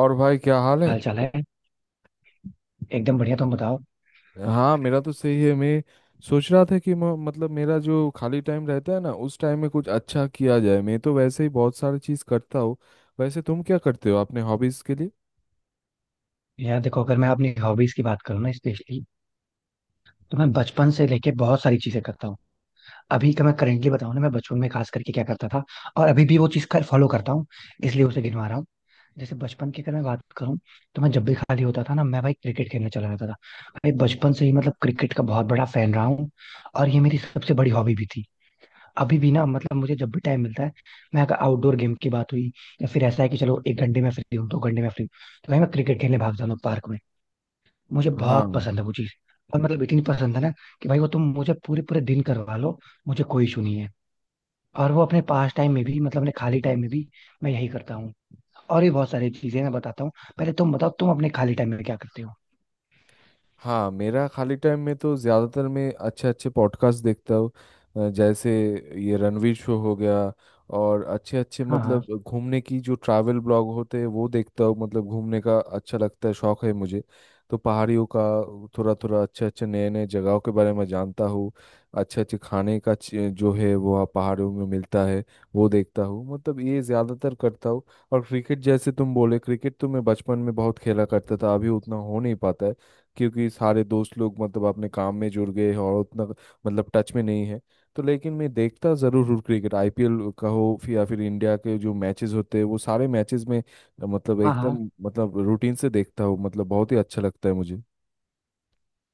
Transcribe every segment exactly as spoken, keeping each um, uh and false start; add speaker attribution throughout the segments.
Speaker 1: और भाई क्या हाल है।
Speaker 2: हाल चाल है। एकदम बढ़िया, तुम बताओ।
Speaker 1: हाँ, मेरा तो सही है। मैं सोच रहा था कि म, मतलब मेरा जो खाली टाइम रहता है ना, उस टाइम में कुछ अच्छा किया जाए। मैं तो वैसे ही बहुत सारी चीज़ करता हूँ। वैसे तुम क्या करते हो अपने हॉबीज़ के लिए?
Speaker 2: यार देखो, अगर मैं अपनी हॉबीज की बात करूँ ना स्पेशली, तो मैं बचपन से लेके बहुत सारी चीजें करता हूँ। अभी का मैं करेंटली बताऊँ ना, मैं बचपन में खास करके क्या करता था और अभी भी वो चीज कर फॉलो करता हूँ, इसलिए उसे गिनवा रहा हूँ। जैसे बचपन की अगर मैं बात करूँ, तो मैं जब भी खाली होता था ना, मैं भाई क्रिकेट खेलने चला जाता था। भाई बचपन से ही मतलब क्रिकेट का बहुत बड़ा फैन रहा हूँ, और ये मेरी सबसे बड़ी हॉबी भी थी। अभी भी ना मतलब मुझे जब भी टाइम मिलता है, मैं अगर आउटडोर गेम की बात हुई, या फिर ऐसा है कि चलो एक घंटे में फ्री हूँ दो घंटे में फ्री हूँ, तो भाई मैं क्रिकेट खेलने भाग जाता हूँ पार्क में। मुझे
Speaker 1: हाँ
Speaker 2: बहुत पसंद है वो चीज। और मतलब इतनी पसंद है ना, कि भाई वो तुम मुझे पूरे पूरे दिन करवा लो, मुझे कोई इशू नहीं है। और वो अपने पास टाइम में भी मतलब अपने खाली टाइम में भी मैं यही करता हूँ। और भी बहुत सारी चीजें मैं बताता हूँ, पहले तुम बताओ तुम अपने खाली टाइम में क्या करते हो।
Speaker 1: हाँ, मेरा खाली टाइम में तो ज़्यादातर मैं अच्छे अच्छे पॉडकास्ट देखता हूँ। अ, जैसे ये रणवीर शो हो गया, और अच्छे अच्छे
Speaker 2: हाँ, हाँ,
Speaker 1: मतलब घूमने की जो ट्रैवल ब्लॉग होते हैं वो देखता हूँ। मतलब घूमने का अच्छा लगता है, शौक है मुझे तो पहाड़ियों का। थोड़ा थोड़ा अच्छे अच्छे नए नए जगहों के बारे में जानता हूँ। अच्छे अच्छे खाने का ची- जो है वो वहाँ पहाड़ियों में मिलता है, वो देखता हूँ। मतलब ये ज़्यादातर करता हूँ। और क्रिकेट, जैसे तुम बोले, क्रिकेट तो मैं बचपन में बहुत खेला करता था, अभी उतना हो नहीं पाता है क्योंकि सारे दोस्त लोग मतलब अपने काम में जुड़ गए हैं और उतना मतलब टच में नहीं है। तो लेकिन मैं देखता ज़रूर हूँ, क्रिकेट आई पी एल का हो फिर- या फिर इंडिया के जो मैचेस होते हैं वो सारे मैचेस में अ, मतलब
Speaker 2: हाँ, हाँ।
Speaker 1: एकदम मतलब रूटीन से देखता हूँ। मतलब बहुत ही अच्छा लगता है मुझे।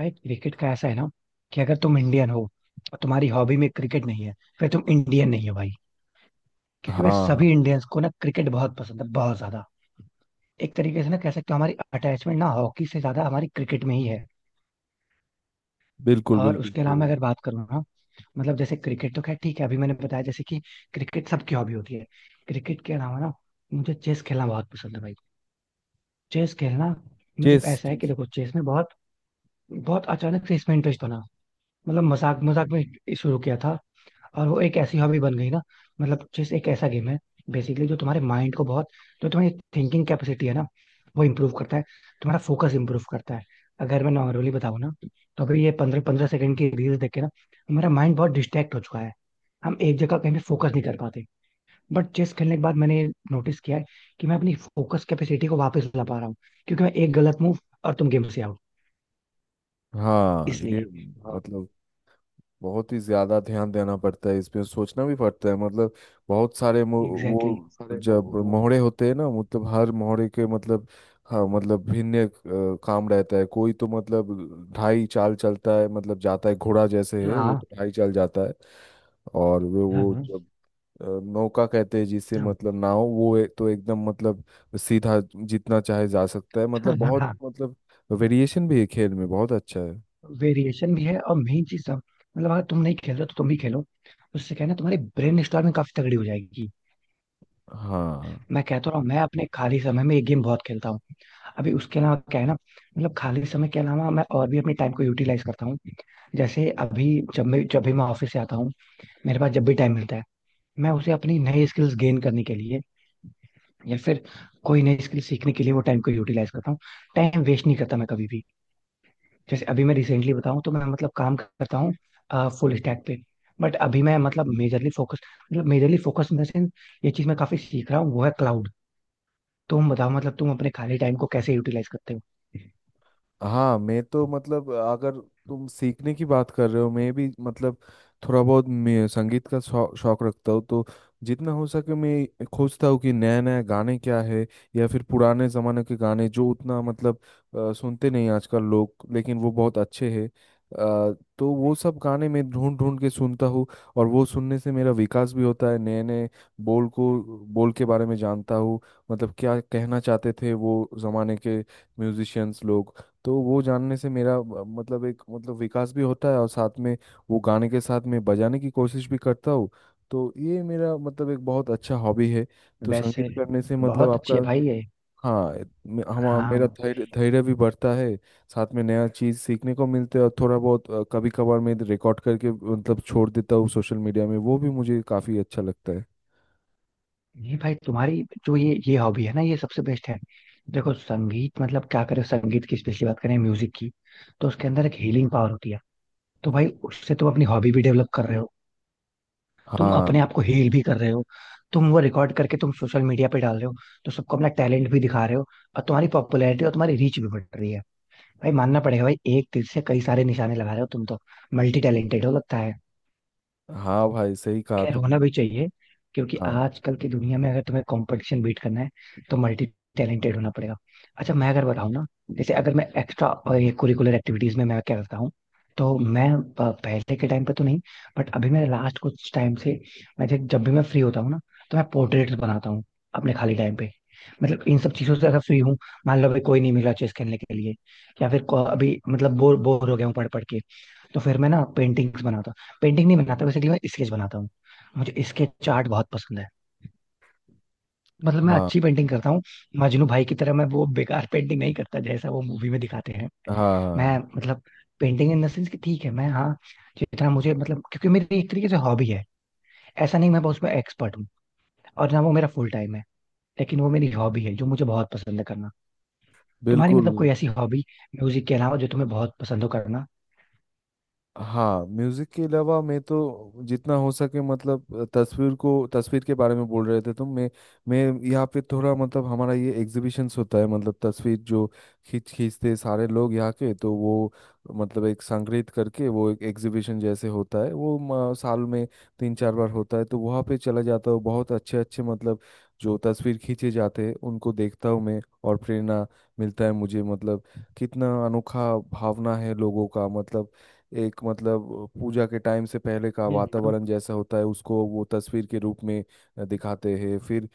Speaker 2: भाई क्रिकेट का ऐसा है ना, कि अगर तुम इंडियन हो और तुम्हारी हॉबी में क्रिकेट नहीं है, फिर तुम इंडियन नहीं हो भाई। क्योंकि मैं
Speaker 1: हाँ हाँ।
Speaker 2: सभी इंडियंस को ना क्रिकेट बहुत पसंद है, बहुत ज्यादा। एक तरीके से ना कह सकते हो हमारी अटैचमेंट ना हॉकी से ज्यादा हमारी क्रिकेट में ही है।
Speaker 1: बिल्कुल
Speaker 2: और
Speaker 1: बिल्कुल
Speaker 2: उसके अलावा मैं
Speaker 1: सही।
Speaker 2: अगर बात करूँ ना, मतलब जैसे क्रिकेट तो खैर ठीक है, अभी मैंने बताया जैसे कि क्रिकेट सबकी हॉबी होती है। क्रिकेट के अलावा ना मुझे चेस खेलना बहुत पसंद है भाई। चेस खेलना, मतलब
Speaker 1: चेस
Speaker 2: ऐसा है कि
Speaker 1: चेस।
Speaker 2: देखो चेस में बहुत, बहुत अचानक से इसमें इंटरेस्ट बना। मतलब मजाक मजाक में शुरू किया था, और वो एक ऐसी हॉबी बन गई ना। मतलब चेस एक ऐसा गेम है बेसिकली जो तुम्हारे माइंड को बहुत, जो तुम्हारी थिंकिंग कैपेसिटी है ना, वो इम्प्रूव करता है। तुम्हारा फोकस इम्प्रूव करता है। अगर मैं नॉर्मली बताऊँ ना, तो अभी ये पंद्रह पंद्रह सेकंड की रील्स देख के ना हमारा माइंड बहुत डिस्ट्रैक्ट हो चुका है। हम एक जगह कहीं पे फोकस नहीं कर पाते। बट चेस खेलने के बाद मैंने नोटिस किया है कि मैं अपनी फोकस कैपेसिटी को वापस ला पा रहा हूँ। क्योंकि मैं एक गलत मूव और तुम गेम से आउट।
Speaker 1: हाँ ये
Speaker 2: इसलिए
Speaker 1: मतलब बहुत ही ज्यादा ध्यान देना पड़ता है इसमें, सोचना भी पड़ता है। मतलब बहुत सारे मो-
Speaker 2: एग्जैक्टली
Speaker 1: वो
Speaker 2: exactly।
Speaker 1: जब मोहरे होते हैं ना, मतलब हर मोहरे के मतलब, हाँ मतलब भिन्न अ, काम रहता है। कोई तो मतलब ढाई चाल चलता है, मतलब जाता है, घोड़ा जैसे है वो
Speaker 2: हाँ,
Speaker 1: तो ढाई चाल जाता है। और वे वो
Speaker 2: हाँ,
Speaker 1: जब अ, नौका कहते हैं जिसे,
Speaker 2: हाँ,
Speaker 1: मतलब नाव, वो ए- तो एकदम मतलब सीधा जितना चाहे जा सकता है। मतलब बहुत
Speaker 2: हाँ।
Speaker 1: मतलब वेरिएशन भी है, खेल में बहुत अच्छा है।
Speaker 2: वेरिएशन भी है, और मेन चीज सब, मतलब अगर तुम नहीं खेल रहे हो तो तुम भी खेलो। उससे क्या है ना, तुम्हारी ब्रेन स्टॉर्मिंग काफी तगड़ी हो जाएगी।
Speaker 1: हाँ
Speaker 2: मैं कहता रहा हूँ मैं अपने खाली समय में ये गेम बहुत खेलता हूँ। अभी उसके अलावा क्या है ना, मतलब खाली समय के अलावा मैं और भी अपने टाइम को यूटिलाइज करता हूँ। जैसे अभी, जब मैं जब भी मैं ऑफिस से आता हूँ, मेरे पास जब भी टाइम मिलता है, मैं उसे अपनी नई स्किल्स गेन करने के लिए या फिर कोई नई स्किल सीखने के लिए वो टाइम को यूटिलाइज करता हूँ। टाइम वेस्ट नहीं करता मैं कभी भी। जैसे अभी मैं रिसेंटली बताऊं, तो मैं मतलब काम करता हूँ फुल स्टैक पे। बट अभी मैं मतलब मेजरली फोकस मतलब majorly focus in the sense, ये चीज मैं काफी सीख रहा हूँ वो है क्लाउड। तुम बताओ मतलब तुम अपने खाली टाइम को कैसे यूटिलाइज करते हो।
Speaker 1: हाँ, मैं तो मतलब, अगर तुम सीखने की बात कर रहे हो, मैं भी मतलब थोड़ा बहुत मैं संगीत का शौ, शौक रखता हूँ। तो जितना हो सके मैं खोजता हूँ कि नया नया गाने क्या है, या फिर पुराने ज़माने के गाने जो उतना मतलब अ, सुनते नहीं आजकल लोग, लेकिन वो बहुत अच्छे हैं। अ, तो वो सब गाने मैं ढूंढ ढूंढ के सुनता हूँ, और वो सुनने से मेरा विकास भी होता है। नए नए बोल को, बोल के बारे में जानता हूँ, मतलब क्या कहना चाहते थे वो ज़माने के म्यूजिशियंस लोग। तो वो जानने से मेरा अ, मतलब एक मतलब विकास भी होता है, और साथ में वो गाने के साथ में बजाने की कोशिश भी करता हूँ। तो ये मेरा मतलब एक बहुत अच्छा हॉबी है। तो संगीत
Speaker 2: वैसे
Speaker 1: करने से मतलब
Speaker 2: बहुत अच्छी है
Speaker 1: आपका,
Speaker 2: भाई ये।
Speaker 1: हाँ मे- हम
Speaker 2: हाँ।
Speaker 1: मेरा धैर्य धैर्य भी बढ़ता है। साथ में नया चीज़ सीखने को मिलता है, और थोड़ा बहुत अ, कभी कभार मैं रिकॉर्ड करके मतलब छोड़ देता हूँ सोशल मीडिया में, वो भी मुझे काफ़ी अच्छा लगता है।
Speaker 2: नहीं भाई, तुम्हारी जो ये ये हॉबी है ना, ये सबसे बेस्ट है। देखो संगीत, मतलब क्या करें, संगीत की स्पेशली बात करें म्यूजिक की, तो उसके अंदर एक हीलिंग पावर होती है। तो भाई उससे तुम अपनी हॉबी भी डेवलप कर रहे हो, तुम
Speaker 1: हाँ
Speaker 2: अपने आप को हील भी कर रहे हो, तुम वो रिकॉर्ड करके तुम सोशल मीडिया पे डाल रहे हो, तो सबको अपना टैलेंट भी दिखा रहे हो, और तुम्हारी पॉपुलैरिटी और तुम्हारी रीच भी बढ़ रही है। भाई मानना पड़ेगा, भाई एक तीर से कई सारे निशाने लगा रहे हो तुम तो। मल्टी टैलेंटेड हो लगता है।
Speaker 1: हाँ, भाई सही कहा
Speaker 2: खैर होना
Speaker 1: तुमने।
Speaker 2: भी चाहिए, क्योंकि
Speaker 1: हाँ
Speaker 2: आजकल की दुनिया में अगर तुम्हें कंपटीशन बीट करना है तो मल्टी टैलेंटेड होना पड़ेगा। अच्छा मैं अगर बताऊँ ना, जैसे अगर मैं एक्स्ट्रा और ये कुरिकुलर एक्टिविटीज में मैं क्या करता हूँ, तो मैं अ, पहले के टाइम पे तो नहीं, बट अभी मेरे लास्ट कुछ टाइम से, मैं जब जब भी मैं फ्री होता हूँ ना, तो मैं पोर्ट्रेट्स बनाता हूँ अपने खाली टाइम पे। मतलब इन सब चीजों से अगर फ्री हूँ, मान लो अभी कोई नहीं मिला चेस खेलने के लिए, या फिर को- अभी मतलब बोर बोर हो गया हूँ पढ़ पढ़ के, तो फिर मैं ना पेंटिंग्स बनाता हूँ। पेंटिंग नहीं बनाता बेसिकली, मैं स्केच बनाता हूँ। मुझे स्केच आर्ट बहुत पसंद है, मतलब मैं
Speaker 1: हाँ।
Speaker 2: अच्छी पेंटिंग करता हूँ। मजनू भाई की तरह मैं वो बेकार पेंटिंग नहीं करता जैसा वो मूवी में दिखाते हैं।
Speaker 1: हाँ
Speaker 2: मैं
Speaker 1: हाँ।
Speaker 2: मतलब पेंटिंग इन द सेंस कि ठीक है मैं, हाँ, जितना मुझे मतलब, क्योंकि मेरी एक तरीके से हॉबी है। ऐसा नहीं मैं बहुत उसमें एक्सपर्ट हूँ और ना वो मेरा फुल टाइम है, लेकिन वो मेरी हॉबी है जो मुझे बहुत पसंद है करना। तुम्हारी
Speaker 1: बिल्कुल।
Speaker 2: मतलब कोई ऐसी हॉबी, म्यूजिक के अलावा, जो तुम्हें बहुत पसंद हो करना।
Speaker 1: हाँ, म्यूजिक के अलावा मैं तो जितना हो सके मतलब तस्वीर को, तस्वीर के बारे में बोल रहे थे तो मैं मैं यहाँ पे थोड़ा मतलब, हमारा ये एग्जीबिशंस होता है। मतलब तस्वीर जो खींच खींचते सारे लोग यहाँ के, तो वो मतलब एक संग्रहित करके वो एक एग्जीबिशन जैसे होता है वो, म, साल में तीन चार बार होता है। तो वहाँ पे चला जाता हूँ, बहुत अच्छे अच्छे मतलब जो तस्वीर खींचे जाते हैं उनको देखता हूँ मैं। और प्रेरणा मिलता है मुझे। मतलब कितना अनोखा भावना है लोगों का। मतलब एक मतलब पूजा के टाइम से पहले का
Speaker 2: हम्म,
Speaker 1: वातावरण जैसा होता है, उसको वो तस्वीर के रूप में दिखाते हैं। फिर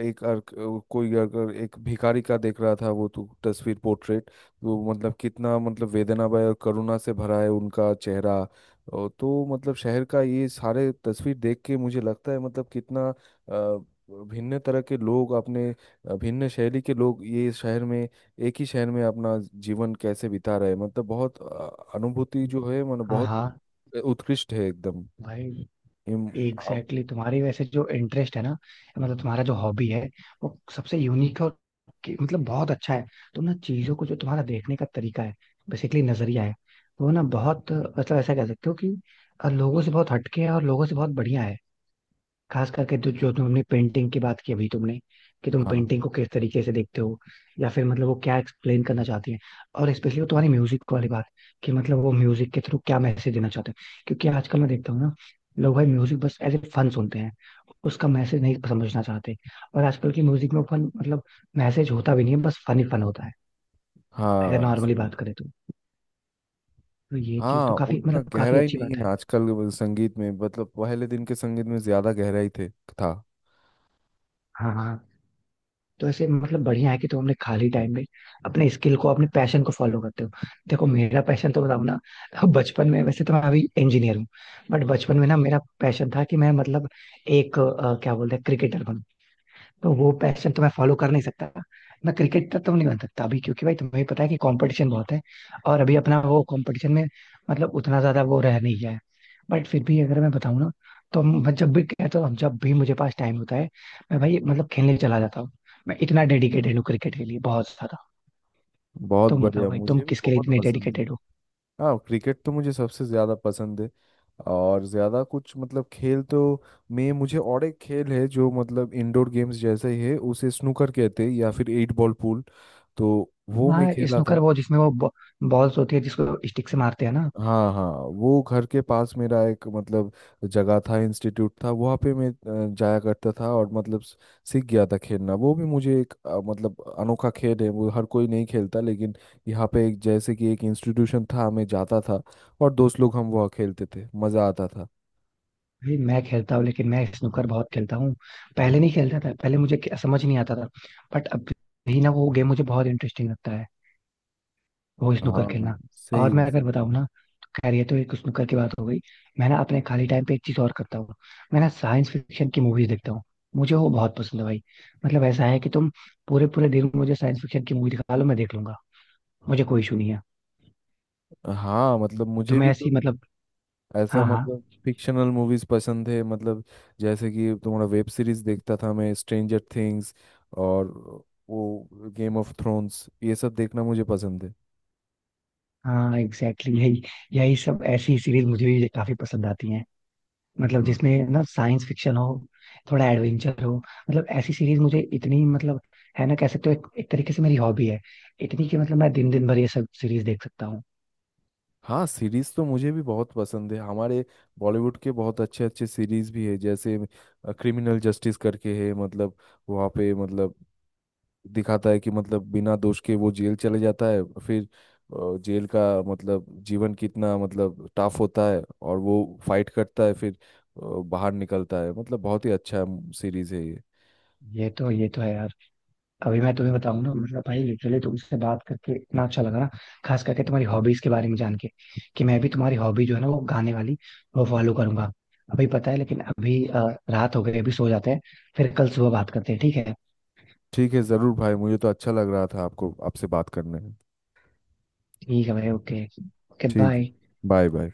Speaker 1: एक अर्क, कोई अगर एक भिखारी का देख रहा था वो, तो तस्वीर पोर्ट्रेट तो मतलब कितना मतलब वेदनामय और करुणा से भरा है उनका चेहरा। और तो मतलब शहर का ये सारे तस्वीर देख के मुझे लगता है मतलब कितना अ, भिन्न तरह के लोग अपने अ, भिन्न शैली के लोग ये शहर में, एक ही शहर में अपना जीवन कैसे बिता रहे। मतलब बहुत अ, अनुभूति जो है मतलब
Speaker 2: हाँ
Speaker 1: बहुत
Speaker 2: हाँ
Speaker 1: उ- उत्कृष्ट है एकदम।
Speaker 2: भाई
Speaker 1: इम,
Speaker 2: एग्जैक्टली
Speaker 1: अब-
Speaker 2: exactly, तुम्हारी वैसे जो इंटरेस्ट है ना, मतलब तुम्हारा जो हॉबी है, वो सबसे यूनिक है और कि- मतलब बहुत अच्छा है। तुम ना चीजों को जो तुम्हारा देखने का तरीका है बेसिकली, नजरिया है, वो ना बहुत मतलब ऐसा कह सकते हो कि अ, लोगों से बहुत हटके है और लोगों से बहुत बढ़िया है। खास करके तो जो तुमने पेंटिंग की बात की अभी तुमने, कि तुम
Speaker 1: हाँ
Speaker 2: पेंटिंग को किस तरीके से देखते हो, या फिर मतलब वो क्या एक्सप्लेन करना चाहती है, और स्पेशली वो तुम्हारी म्यूजिक वाली बात, कि मतलब वो म्यूजिक के थ्रू क्या मैसेज देना चाहते हैं। क्योंकि आजकल मैं देखता हूँ ना, लोग भाई म्यूजिक बस एज ए फन सुनते हैं, उसका मैसेज नहीं समझना चाहते। और आजकल की म्यूजिक में फन मतलब, मैसेज होता भी नहीं है बस फन ही फन होता है। अगर
Speaker 1: हाँ
Speaker 2: नॉर्मली बात
Speaker 1: सही।
Speaker 2: करें तो, तो ये चीज
Speaker 1: हाँ
Speaker 2: तो काफी
Speaker 1: उतना
Speaker 2: मतलब काफी
Speaker 1: गहराई
Speaker 2: अच्छी
Speaker 1: नहीं
Speaker 2: बात
Speaker 1: है
Speaker 2: है।
Speaker 1: आजकल वो संगीत में, मतलब पहले दिन के संगीत में ज्यादा गहराई थे था।
Speaker 2: हाँ, हाँ। तो ऐसे मतलब बढ़िया है कि तुम अपने खाली टाइम में अपने स्किल को अपने पैशन को फॉलो करते हो। देखो मेरा पैशन तो बताऊं ना, बचपन में, वैसे तो मैं अभी इंजीनियर हूँ, बट बचपन में ना मेरा पैशन था कि मैं मतलब एक अ, क्या बोलते हैं क्रिकेटर। तो वो पैशन तो मैं फॉलो कर नहीं सकता, मैं क्रिकेटर तो नहीं बन सकता अभी, क्योंकि भाई तुम्हें पता है कि कंपटीशन बहुत है। और अभी अपना वो कंपटीशन में मतलब उतना ज्यादा वो रह नहीं गया है। बट फिर भी अगर मैं बताऊँ ना, तो मैं जब भी कहता हूँ जब भी मुझे पास टाइम होता है मैं भाई मतलब खेलने चला जाता हूँ। मैं इतना डेडिकेटेड हूँ क्रिकेट के लिए, बहुत ज्यादा।
Speaker 1: बहुत
Speaker 2: तुम बताओ
Speaker 1: बढ़िया,
Speaker 2: भाई तुम
Speaker 1: मुझे भी
Speaker 2: किसके लिए
Speaker 1: बहुत
Speaker 2: इतने
Speaker 1: पसंद है।
Speaker 2: डेडिकेटेड हो।
Speaker 1: हाँ, क्रिकेट तो मुझे सबसे ज़्यादा पसंद है। और ज़्यादा कुछ मतलब खेल तो, मैं मुझे और एक खेल है जो मतलब इंडोर गेम्स जैसा ही है, उसे स्नूकर कहते हैं या फिर एट बॉल पूल। तो वो मैं
Speaker 2: हाँ
Speaker 1: खेला
Speaker 2: स्नूकर,
Speaker 1: था।
Speaker 2: वो जिसमें वो बॉल्स होती है जिसको स्टिक से मारते हैं ना।
Speaker 1: हाँ हाँ, वो घर के पास मेरा एक मतलब जगह था, इंस्टीट्यूट था, वहाँ पे मैं अ, जाया करता था, और मतलब स- सीख गया था खेलना। वो भी मुझे एक अ, मतलब अनोखा खेल है वो, हर कोई नहीं खेलता, लेकिन यहाँ पे एक जैसे कि एक इंस्टीट्यूशन था, मैं जाता था और दोस्त लोग हम वहाँ खेलते थे, मज़ा आता था।
Speaker 2: भाई मैं खेलता हूँ लेकिन मैं स्नूकर बहुत खेलता हूँ। पहले नहीं खेलता था, पहले मुझे खे- समझ नहीं आता था। बट अब भी ना वो गेम मुझे बहुत इंटरेस्टिंग लगता है, वो स्नूकर
Speaker 1: हाँ
Speaker 2: खेलना। और
Speaker 1: सही है
Speaker 2: मैं अगर
Speaker 1: सही।
Speaker 2: बताऊँ ना, खैर ये तो एक स्नूकर की बात हो गई, मैं ना अपने खाली टाइम पे एक चीज और करता हूँ, मैं ना साइंस फिक्शन की मूवीज देखता हूँ। मुझे वो बहुत पसंद है भाई। मतलब ऐसा है कि तुम पूरे पूरे दिन मुझे साइंस फिक्शन की मूवी दिखा लो मैं देख लूंगा, मुझे कोई इशू नहीं है।
Speaker 1: है। हाँ मतलब
Speaker 2: तो
Speaker 1: मुझे
Speaker 2: मैं
Speaker 1: भी तो
Speaker 2: ऐसी मतलब,
Speaker 1: ऐसा
Speaker 2: हाँ, हाँ,
Speaker 1: मतलब फिक्शनल मूवीज पसंद है। मतलब जैसे कि तुम्हारा वेब सीरीज, देखता था मैं स्ट्रेंजर थिंग्स, और वो गेम ऑफ थ्रोन्स, ये सब देखना मुझे पसंद है।
Speaker 2: हाँ एग्जैक्टली exactly, यही यही सब ऐसी सीरीज मुझे भी काफी पसंद आती हैं। मतलब जिसमें
Speaker 1: हाँ
Speaker 2: ना साइंस फिक्शन हो, थोड़ा एडवेंचर हो, मतलब ऐसी सीरीज मुझे इतनी मतलब है ना, कह सकते हो एक, एक तरीके से मेरी हॉबी है, इतनी कि मतलब मैं दिन दिन भर ये सब सीरीज देख सकता हूँ।
Speaker 1: हाँ, सीरीज तो मुझे भी बहुत पसंद है। हमारे बॉलीवुड के बहुत अच्छे अच्छे सीरीज भी है, जैसे क्रिमिनल जस्टिस करके है, मतलब वहाँ पे मतलब दिखाता है कि मतलब बिना दोष के वो जेल चले जाता है, फिर अ, जेल का मतलब जीवन कितना मतलब टफ होता है, और वो फाइट करता है, फिर अ, बाहर निकलता है। मतलब बहुत ही अच्छा सीरीज है ये।
Speaker 2: ये तो ये तो है यार। अभी मैं तुम्हें बताऊं ना, मतलब भाई लिटरली तुमसे बात करके इतना अच्छा लगा ना, खास करके तुम्हारी हॉबीज के बारे में जान के, कि मैं भी तुम्हारी हॉबी जो है ना वो गाने वाली वो फॉलो करूंगा। अभी पता है लेकिन अभी अ, रात हो गई, अभी सो जाते हैं, फिर कल सुबह बात करते हैं ठीक है।
Speaker 1: ठीक है ज़रूर भाई, मुझे तो अच्छा लग रहा था आपको, आपसे बात करने में।
Speaker 2: ठीक है भाई, ओके। ओके
Speaker 1: ठीक है,
Speaker 2: बाय।
Speaker 1: Bye bye.